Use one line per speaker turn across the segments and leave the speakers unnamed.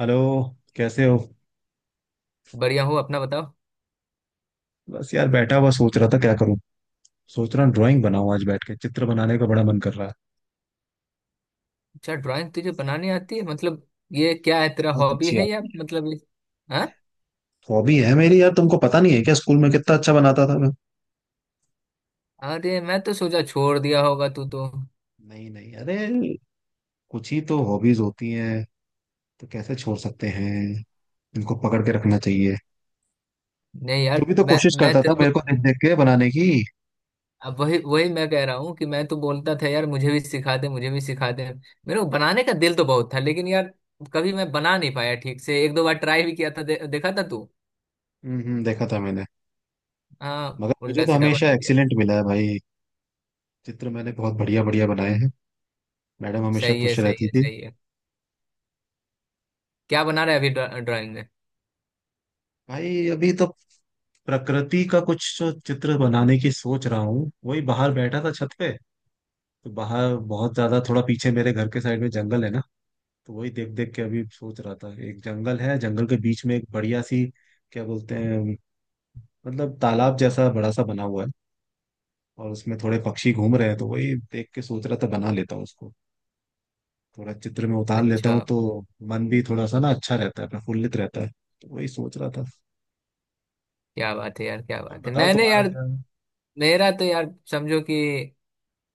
Hello. कैसे हो?
बढ़िया हूँ। अपना बताओ।
बस यार बैठा हुआ सोच रहा था क्या करूं। सोच रहा हूँ ड्राइंग बनाऊं, आज बैठ के चित्र बनाने का बड़ा मन कर रहा है।
अच्छा, ड्राइंग तुझे बनानी आती है? मतलब ये क्या है, तेरा
बहुत
हॉबी
अच्छी
है या
बात।
मतलब इस- हाँ।
हॉबी है मेरी यार, तुमको पता नहीं है क्या, स्कूल में कितना अच्छा बनाता था मैं।
अरे मैं तो सोचा छोड़ दिया होगा तू तो।
नहीं नहीं, अरे कुछ ही तो हॉबीज होती हैं, तो कैसे छोड़ सकते हैं। इनको पकड़ के रखना चाहिए।
नहीं
तू
यार,
भी तो
मैं
कोशिश
मैं
करता था
तेरे को।
मेरे को देख देख के बनाने की।
अब वही वही मैं कह रहा हूँ कि मैं तो बोलता था यार, मुझे भी सिखा दे, मुझे भी सिखा दे। मेरे को बनाने का दिल तो बहुत था लेकिन यार, कभी मैं बना नहीं पाया ठीक से। एक दो बार ट्राई भी किया था, देखा था तू।
देखा था मैंने।
हाँ,
मगर मुझे
उल्टा
तो
सीधा
हमेशा
बना दिया।
एक्सीलेंट मिला है भाई। चित्र मैंने बहुत बढ़िया बढ़िया बनाए हैं। मैडम हमेशा
सही है,
खुश
सही
रहती
है,
थी।
सही है। क्या बना रहा है अभी ड्राइंग में?
भाई अभी तो प्रकृति का कुछ जो चित्र बनाने की सोच रहा हूँ, वही बाहर बैठा था छत पे। तो बाहर बहुत ज्यादा, थोड़ा पीछे मेरे घर के साइड में जंगल है ना, तो वही देख देख के अभी सोच रहा था। एक जंगल है, जंगल के बीच में एक बढ़िया सी क्या बोलते हैं, मतलब तालाब जैसा बड़ा सा बना हुआ है, और उसमें थोड़े पक्षी घूम रहे हैं, तो वही देख के सोच रहा था बना लेता हूँ उसको। थोड़ा चित्र में उतार लेता
अच्छा।
हूँ तो मन भी थोड़ा सा ना अच्छा रहता है, प्रफुल्लित रहता है। तो वही सोच रहा था।
क्या बात है यार, क्या
तुम
बात है।
बताओ,
मैंने
तुम्हारा
यार,
क्या है?
मेरा तो यार समझो कि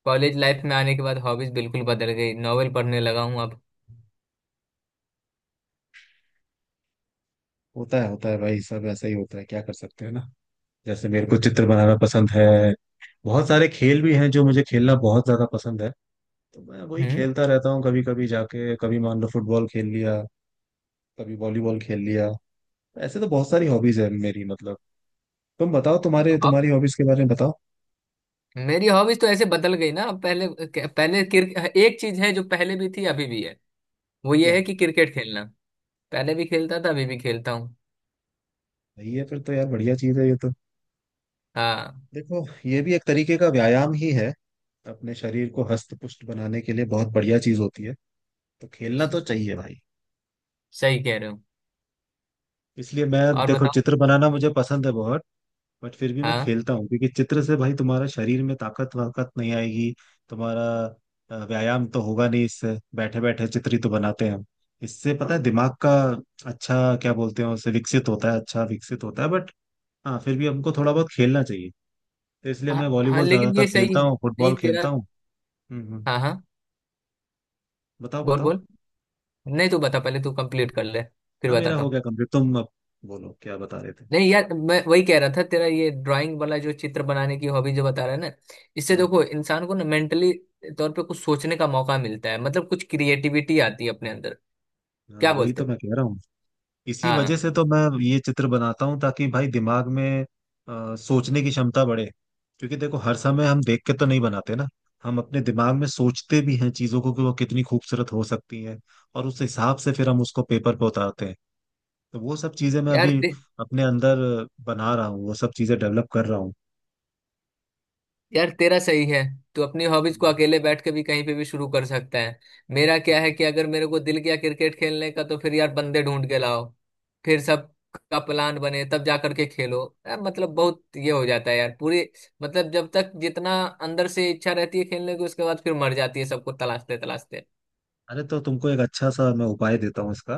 कॉलेज लाइफ में आने के बाद हॉबीज बिल्कुल बदल गई। नॉवेल पढ़ने लगा हूँ अब।
होता है होता है भाई, सब ऐसा ही होता है, क्या कर सकते हैं ना। जैसे मेरे को चित्र बनाना पसंद है, बहुत सारे खेल भी हैं जो मुझे खेलना बहुत ज्यादा पसंद है, तो मैं वही
हम्म।
खेलता रहता हूँ कभी कभी जाके। कभी मान लो फुटबॉल खेल लिया, कभी वॉलीबॉल खेल लिया। ऐसे तो बहुत सारी हॉबीज है मेरी, मतलब तुम बताओ, तुम्हारे
अब,
तुम्हारी हॉबीज के बारे में बताओ।
मेरी हॉबीज तो ऐसे बदल गई ना। पहले, पहले क्रिक एक चीज है जो पहले भी थी अभी भी है। वो ये
क्या?
है कि क्रिकेट खेलना। पहले भी खेलता था अभी भी खेलता हूँ।
सही है, फिर तो यार बढ़िया चीज है ये तो।
हाँ।
देखो ये भी एक तरीके का व्यायाम ही है, अपने शरीर को हस्त पुष्ट बनाने के लिए बहुत बढ़िया चीज होती है, तो खेलना
स-
तो चाहिए भाई।
सही कह रहे हो।
इसलिए मैं
और
देखो
बताओ।
चित्र बनाना मुझे पसंद है बहुत, बट फिर भी मैं
हाँ,
खेलता हूँ, क्योंकि चित्र से भाई तुम्हारा शरीर में ताकत वाकत नहीं आएगी। तुम्हारा व्यायाम तो होगा नहीं इससे, बैठे बैठे चित्र ही तो बनाते हैं हम। इससे पता है दिमाग का, अच्छा क्या बोलते हैं उसे, विकसित होता है, अच्छा विकसित होता है, बट हाँ फिर भी हमको थोड़ा बहुत खेलना चाहिए। तो इसलिए मैं
हाँ। हाँ,
वॉलीबॉल
लेकिन
ज्यादातर
ये सही
खेलता
है
हूँ,
नहीं
फुटबॉल
तेरा।
खेलता हूँ। हम्म।
हाँ, हाँ।
बताओ
बोल,
बताओ,
बोल। नहीं, तू बता पहले। तू कंप्लीट कर ले, फिर
ना मेरा
बताता
हो
हूँ।
गया कंप्लीट, तुम अब बोलो क्या बता रहे थे।
नहीं यार, मैं वही कह रहा था, तेरा ये ड्राइंग वाला जो चित्र बनाने की हॉबी जो बता रहा है ना। इससे
हम्म,
देखो, इंसान को ना मेंटली तौर पे कुछ सोचने का मौका मिलता है, मतलब कुछ क्रिएटिविटी आती है अपने अंदर।
हाँ
क्या
वही
बोलते
तो
हो?
मैं कह रहा हूँ, इसी वजह
हाँ।
से तो मैं ये चित्र बनाता हूँ, ताकि भाई दिमाग में सोचने की क्षमता बढ़े। क्योंकि देखो हर समय हम देख के तो नहीं बनाते ना, हम अपने दिमाग में सोचते भी हैं चीजों को, कि वो कितनी खूबसूरत हो सकती है, और उस हिसाब से फिर हम उसको पेपर पे उतारते हैं। तो वो सब चीजें मैं
यार
अभी
ते,
अपने अंदर बना रहा हूँ, वो सब चीजें डेवलप कर रहा हूँ।
यार तेरा सही है। तू अपनी हॉबीज को अकेले बैठ के भी कहीं पे भी शुरू कर सकता है। मेरा क्या है कि अगर मेरे को दिल किया क्रिकेट खेलने का तो फिर यार बंदे ढूंढ के लाओ, फिर सब का प्लान बने तब जा करके खेलो। यार मतलब बहुत ये हो जाता है यार, पूरी मतलब जब तक जितना अंदर से इच्छा रहती है खेलने की, उसके बाद फिर मर जाती है सबको तलाशते तलाशते।
अरे तो तुमको एक अच्छा सा मैं उपाय देता हूँ इसका।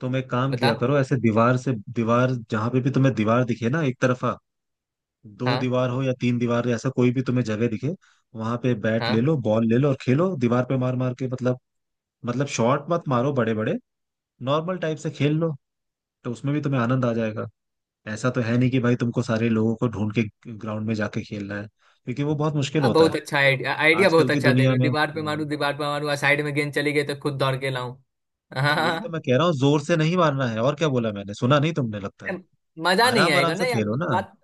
तुम एक काम
बता।
किया करो, ऐसे दीवार से, दीवार जहां पे भी तुम्हें दीवार दिखे ना, एक तरफा, दो
हाँ।
दीवार हो या तीन दीवार, ऐसा कोई भी तुम्हें जगह दिखे, वहां पे बैट ले
हाँ,
लो, बॉल ले लो, और खेलो दीवार पे मार मार के। मतलब, मतलब शॉट मत मारो बड़े बड़े, नॉर्मल टाइप से खेल लो, तो उसमें भी तुम्हें आनंद आ जाएगा। ऐसा तो है नहीं कि भाई तुमको सारे लोगों को ढूंढ के ग्राउंड में जाके खेलना है, क्योंकि वो बहुत मुश्किल
हाँ,
होता है
बहुत अच्छा आइडिया, आइडिया
आजकल
बहुत
की
अच्छा दे
दुनिया
रहे हो,
में।
दीवार पे मारू, दीवार पे मारू, साइड में गेंद चली गई तो खुद दौड़ के लाऊं?
तो वही तो
हाँ।
मैं कह रहा हूँ, जोर से नहीं मारना है। और क्या बोला, मैंने सुना नहीं, तुमने लगता है।
मजा नहीं
आराम आराम
आएगा ना
से
यार।
खेलो ना।
बात,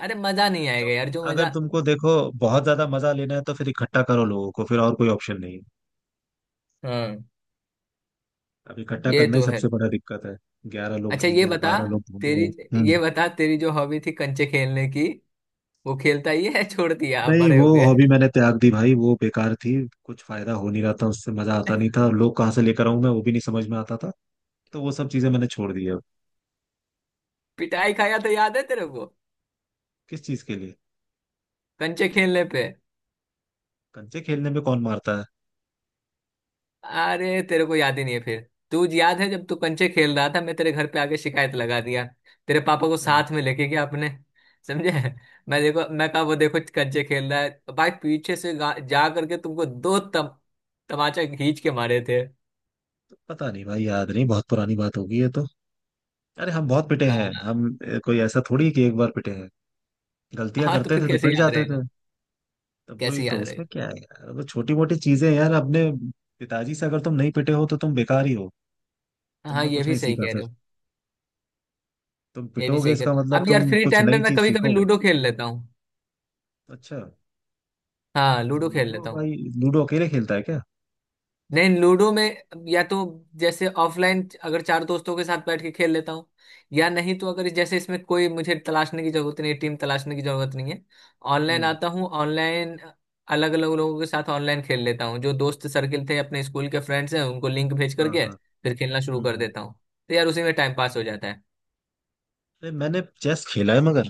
अरे मजा नहीं
तो
आएगा यार, जो
अगर
मजा।
तुमको देखो बहुत ज्यादा मजा लेना है, तो फिर इकट्ठा करो लोगों को, फिर और कोई ऑप्शन नहीं है।
हाँ,
अब इकट्ठा
ये
करना ही
तो है।
सबसे बड़ा दिक्कत है। 11 लोग
अच्छा, ये
ढूंढो,
बता
12 लोग
तेरी,
ढूंढो। हम्म।
ये बता तेरी जो हॉबी थी कंचे खेलने की, वो खेलता ही है? छोड़ दिया अब?
नहीं
बड़े
वो
हो गए?
हॉबी मैंने त्याग दी भाई, वो बेकार थी, कुछ फायदा हो नहीं रहा था उससे, मजा आता नहीं था, लोग कहाँ से लेकर आऊं मैं, वो भी नहीं समझ में आता था। तो वो सब चीजें मैंने छोड़ दी अब।
पिटाई खाया तो याद है तेरे को?
किस चीज के लिए?
कंचे खेलने पे।
कंचे खेलने में कौन मारता है?
अरे तेरे को याद ही नहीं है फिर? तू याद है जब तू कंचे खेल रहा था, मैं तेरे घर पे आके शिकायत लगा दिया। तेरे पापा को
हाँ,
साथ में लेके गया अपने। समझे? मैं देखो, मैं कहा वो देखो कंचे खेल रहा है। भाई पीछे से जा करके तुमको दो तमाचा खींच के मारे थे।
तो पता नहीं भाई, याद नहीं, बहुत पुरानी बात होगी ये तो। अरे हम बहुत पिटे हैं
हाँ।
हम, कोई ऐसा थोड़ी है कि एक बार पिटे हैं। गलतियां
हाँ तो
करते
फिर
थे तो
कैसे
पिट
याद
जाते
रहेगा।
थे। तो वही
कैसे
तो,
याद
उसमें
रहेगा।
क्या है यार, वो छोटी मोटी चीजें हैं यार। अपने पिताजी से अगर तुम नहीं पिटे हो तो तुम बेकार ही हो,
हाँ,
तुमने
ये
कुछ
भी
नहीं
सही
सीखा
कह रहे
फिर।
हो।
तुम
ये भी
पिटोगे
सही कह
इसका
रहे हो।
मतलब
अब यार
तुम
फ्री
कुछ
टाइम में
नई
मैं
चीज
कभी कभी
सीखोगे।
लूडो खेल लेता हूँ।
अच्छा।
हाँ, लूडो खेल
लूडो
लेता हूँ।
भाई, लूडो अकेले खेलता है क्या?
नहीं, लूडो में या तो जैसे ऑफलाइन अगर चार दोस्तों के साथ बैठ के खेल लेता हूँ, या नहीं तो अगर जैसे इसमें कोई मुझे तलाशने की जरूरत नहीं, टीम तलाशने की जरूरत नहीं है। ऑनलाइन
हम्म,
आता हूँ, ऑनलाइन अलग अलग लोगों के साथ ऑनलाइन खेल लेता हूँ। जो दोस्त सर्किल थे अपने स्कूल के फ्रेंड्स हैं उनको लिंक भेज
हाँ
करके
हाँ।
फिर खेलना शुरू
हम्म
कर
हम्म।
देता हूँ। तो यार उसी में टाइम पास हो जाता है।
अरे मैंने चेस खेला है, मगर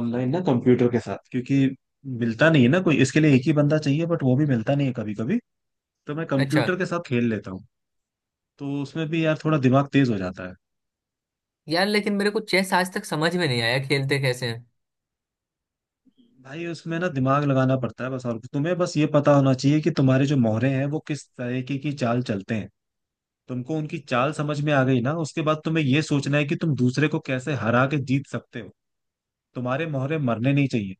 ऑनलाइन ना, कंप्यूटर के साथ, क्योंकि मिलता नहीं है ना कोई इसके लिए, एक ही बंदा चाहिए बट वो भी मिलता नहीं है कभी कभी, तो मैं
अच्छा।
कंप्यूटर के साथ खेल लेता हूँ। तो उसमें भी यार थोड़ा दिमाग तेज हो जाता है।
यार लेकिन मेरे को चेस आज तक समझ में नहीं आया, खेलते कैसे हैं?
भाई उसमें ना दिमाग लगाना पड़ता है बस, और तुम्हें बस ये पता होना चाहिए कि तुम्हारे जो मोहरे हैं वो किस तरीके की चाल चलते हैं। तुमको उनकी चाल समझ में आ गई ना, उसके बाद तुम्हें ये सोचना है कि तुम दूसरे को कैसे हरा के जीत सकते हो। तुम्हारे मोहरे मरने नहीं चाहिए,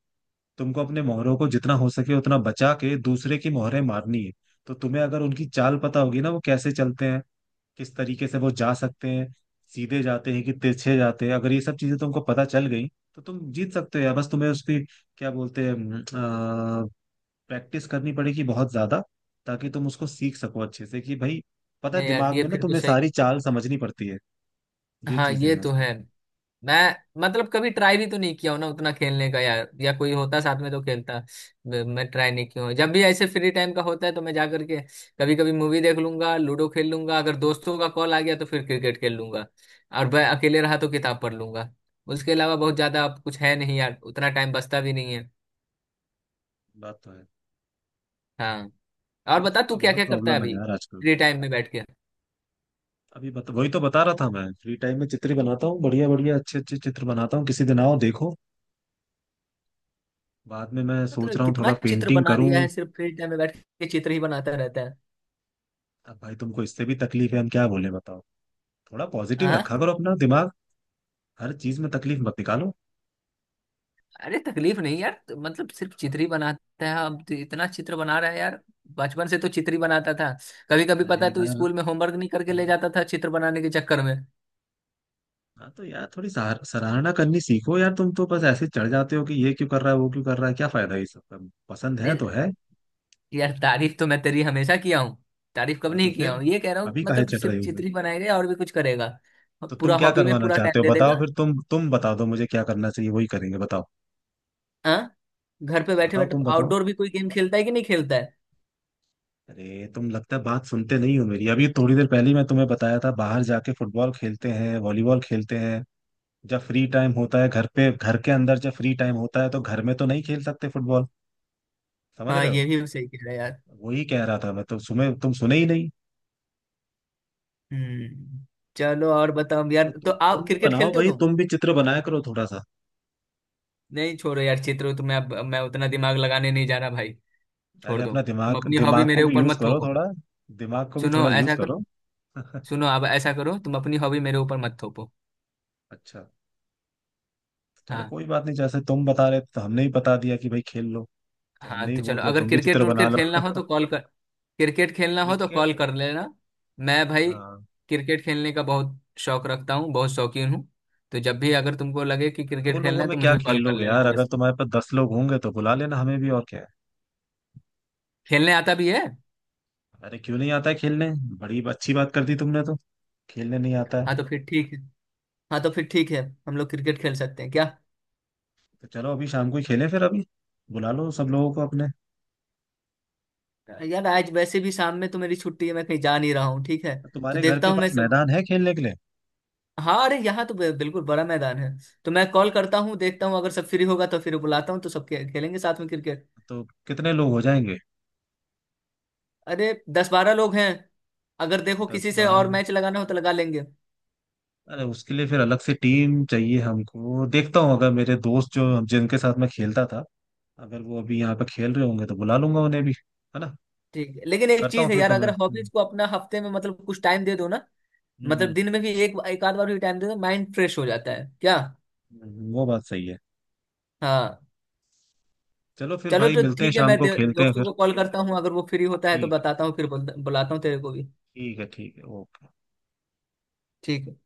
तुमको अपने मोहरों को जितना हो सके उतना बचा के दूसरे की मोहरे मारनी है। तो तुम्हें अगर उनकी चाल पता होगी ना, वो कैसे चलते हैं, किस तरीके से वो जा सकते हैं, सीधे जाते हैं कि तिरछे जाते हैं, अगर ये सब चीजें तुमको पता चल गई तो तुम जीत सकते हो यार। बस तुम्हें उसकी क्या बोलते हैं, प्रैक्टिस करनी पड़ेगी बहुत ज्यादा, ताकि तुम उसको सीख सको अच्छे से। कि भाई पता है,
नहीं यार,
दिमाग
ये
में ना
फिर तो
तुम्हें
सही।
सारी चाल समझनी पड़ती है, ये
हाँ,
चीजें
ये
हैं
तो
इसमें।
है। मैं मतलब कभी ट्राई भी तो नहीं किया हूं ना उतना खेलने का यार, या कोई होता साथ में तो खेलता। मैं ट्राई नहीं किया हूं। जब भी ऐसे फ्री टाइम का होता है तो मैं जा करके कभी कभी मूवी देख लूंगा, लूडो खेल लूंगा, अगर दोस्तों का कॉल आ गया तो फिर क्रिकेट खेल लूंगा। और मैं अकेले रहा तो किताब पढ़ लूंगा। उसके अलावा बहुत ज्यादा अब कुछ है नहीं यार, उतना टाइम बचता भी नहीं है।
बात तो है।
हाँ, और
वक्त
बता,
का
तू क्या
बहुत
क्या करता है
प्रॉब्लम है
अभी
यार आजकल।
फ्री टाइम में बैठ के।
अभी बता, वही तो बता रहा था मैं, फ्री टाइम में चित्र बनाता हूँ, बढ़िया बढ़िया अच्छे अच्छे चित्र बनाता हूँ, किसी दिन आओ देखो। बाद में मैं सोच
मतलब
रहा हूँ
कितना
थोड़ा
चित्र
पेंटिंग
बना दिया
करूँ।
है, सिर्फ फ्री टाइम में बैठ के चित्र ही बनाता रहता है।
अब भाई तुमको इससे भी तकलीफ है, हम क्या बोले बताओ। थोड़ा पॉजिटिव
हाँ,
रखा करो अपना दिमाग, हर चीज में तकलीफ मत निकालो।
अरे तकलीफ नहीं यार, तो मतलब सिर्फ चित्र ही बनाता है? अब तो इतना चित्र बना रहा है यार, बचपन से तो चित्र ही बनाता था। कभी कभी पता
अरे
है तू
यार।
स्कूल में होमवर्क नहीं करके ले जाता था चित्र बनाने के चक्कर में।
हाँ तो यार थोड़ी सराहना करनी सीखो यार, तुम तो बस ऐसे चढ़ जाते हो कि ये क्यों कर रहा है, वो क्यों कर रहा है, क्या फायदा है इस सब का। पसंद है
नहीं,
तो है।
यार तारीफ तो मैं तेरी हमेशा किया हूँ। तारीफ कब
हाँ तो
नहीं किया
फिर
हूँ, ये कह रहा हूँ
अभी काहे
मतलब
चढ़ रहे
सिर्फ
हो फिर।
चित्र ही बनाएगा, और भी कुछ करेगा?
तो तुम
पूरा
क्या
हॉबी में
करवाना
पूरा
चाहते
टाइम
हो
दे
बताओ
देगा?
फिर, तुम बता दो मुझे क्या करना चाहिए, वही करेंगे, बताओ।
हाँ। घर पे बैठे
बताओ
बैठे
तुम बताओ।
आउटडोर भी कोई गेम खेलता है कि नहीं खेलता है?
अरे तुम लगता है बात सुनते नहीं हो मेरी, अभी थोड़ी देर पहले ही मैं तुम्हें बताया था, बाहर जाके फुटबॉल खेलते हैं, वॉलीबॉल खेलते हैं। जब फ्री टाइम होता है घर पे, घर के अंदर जब फ्री टाइम होता है, तो घर में तो नहीं खेल सकते फुटबॉल, समझ
हाँ,
रहे हो।
ये भी सही कह रहा है यार।
वही कह रहा था मैं तो, सुने तुम सुने ही नहीं।
हम्म। चलो, और बताओ यार,
तो
तो
तुम
आप
भी
क्रिकेट
बनाओ
खेलते हो
भाई,
तुम?
तुम भी चित्र बनाया करो थोड़ा सा।
नहीं छोड़ो यार, चित्रो तो मैं उतना दिमाग लगाने नहीं जा रहा भाई।
अरे
छोड़ दो,
अपना
तुम
दिमाग,
अपनी हॉबी
दिमाग को
मेरे
भी
ऊपर
यूज
मत
करो
थोपो।
थोड़ा, दिमाग को भी
सुनो,
थोड़ा यूज
ऐसा करो,
करो।
सुनो अब ऐसा करो, तुम अपनी हॉबी मेरे ऊपर मत थोपो।
अच्छा तो चलो
हाँ,
कोई बात नहीं, जैसे तुम बता रहे थे, तो हमने ही बता दिया कि भाई खेल लो, तो हमने
हाँ
ही
तो
बोल
चलो,
दिया
अगर
तुम भी
क्रिकेट
चित्र बना
उर्केट
लो।
खेलना हो तो कॉल कर, क्रिकेट खेलना हो तो कॉल
क्रिकेट।
कर लेना। मैं भाई
हाँ,
क्रिकेट खेलने का बहुत शौक रखता हूँ, बहुत शौकीन हूँ। तो जब भी अगर तुमको लगे कि
दो
क्रिकेट
लोगों
खेलना है
में
तो
क्या
मुझे
खेल
कॉल कर
लोगे
लेना
यार, अगर
बस।
तुम्हारे पास 10 लोग होंगे तो बुला लेना हमें भी, और क्या है।
खेलने आता भी है।
अरे क्यों नहीं आता है खेलने, बड़ी अच्छी बात कर दी तुमने तो, खेलने नहीं आता है।
हाँ तो फिर ठीक है। हाँ तो फिर ठीक है। हम लोग क्रिकेट खेल सकते हैं क्या?
तो चलो अभी शाम को ही खेलें फिर, अभी बुला लो सब लोगों को अपने।
यार आज वैसे भी शाम में तो मेरी छुट्टी है, मैं कहीं जा नहीं रहा हूँ, ठीक है। तो
तुम्हारे घर
देखता
के
हूँ मैं
पास
सब।
मैदान है खेलने के लिए?
हाँ, अरे यहाँ तो बिल्कुल बड़ा मैदान है। तो मैं कॉल करता हूँ, देखता हूँ अगर सब फ्री होगा तो फिर बुलाता हूँ, तो सब खेलेंगे साथ में क्रिकेट।
तो कितने लोग हो जाएंगे?
अरे 10-12 लोग हैं। अगर देखो
दस
किसी से
बारह
और मैच लगाना हो तो लगा लेंगे।
अरे उसके लिए फिर अलग से टीम चाहिए हमको, देखता हूँ अगर मेरे दोस्त जो, जिनके साथ मैं खेलता था, अगर वो अभी यहाँ पे खेल रहे होंगे तो बुला लूंगा उन्हें भी, है ना।
ठीक है, लेकिन एक
करता
चीज
हूँ
है
फिर
यार,
तो मैं।
अगर हॉबीज को अपना हफ्ते में मतलब कुछ टाइम दे दो ना,
हम्म,
मतलब दिन में भी एक एक आध बार भी टाइम दे दो, माइंड फ्रेश हो जाता है क्या।
वो बात सही है।
हाँ।
चलो फिर
चलो
भाई
तो
मिलते हैं
ठीक है,
शाम
मैं
को, खेलते हैं
दोस्तों
फिर।
को कॉल करता हूँ, अगर वो फ्री होता है तो
ठीक है,
बताता हूँ, फिर बुलाता हूँ तेरे को भी।
ठीक है ठीक है, ओके।
ठीक है।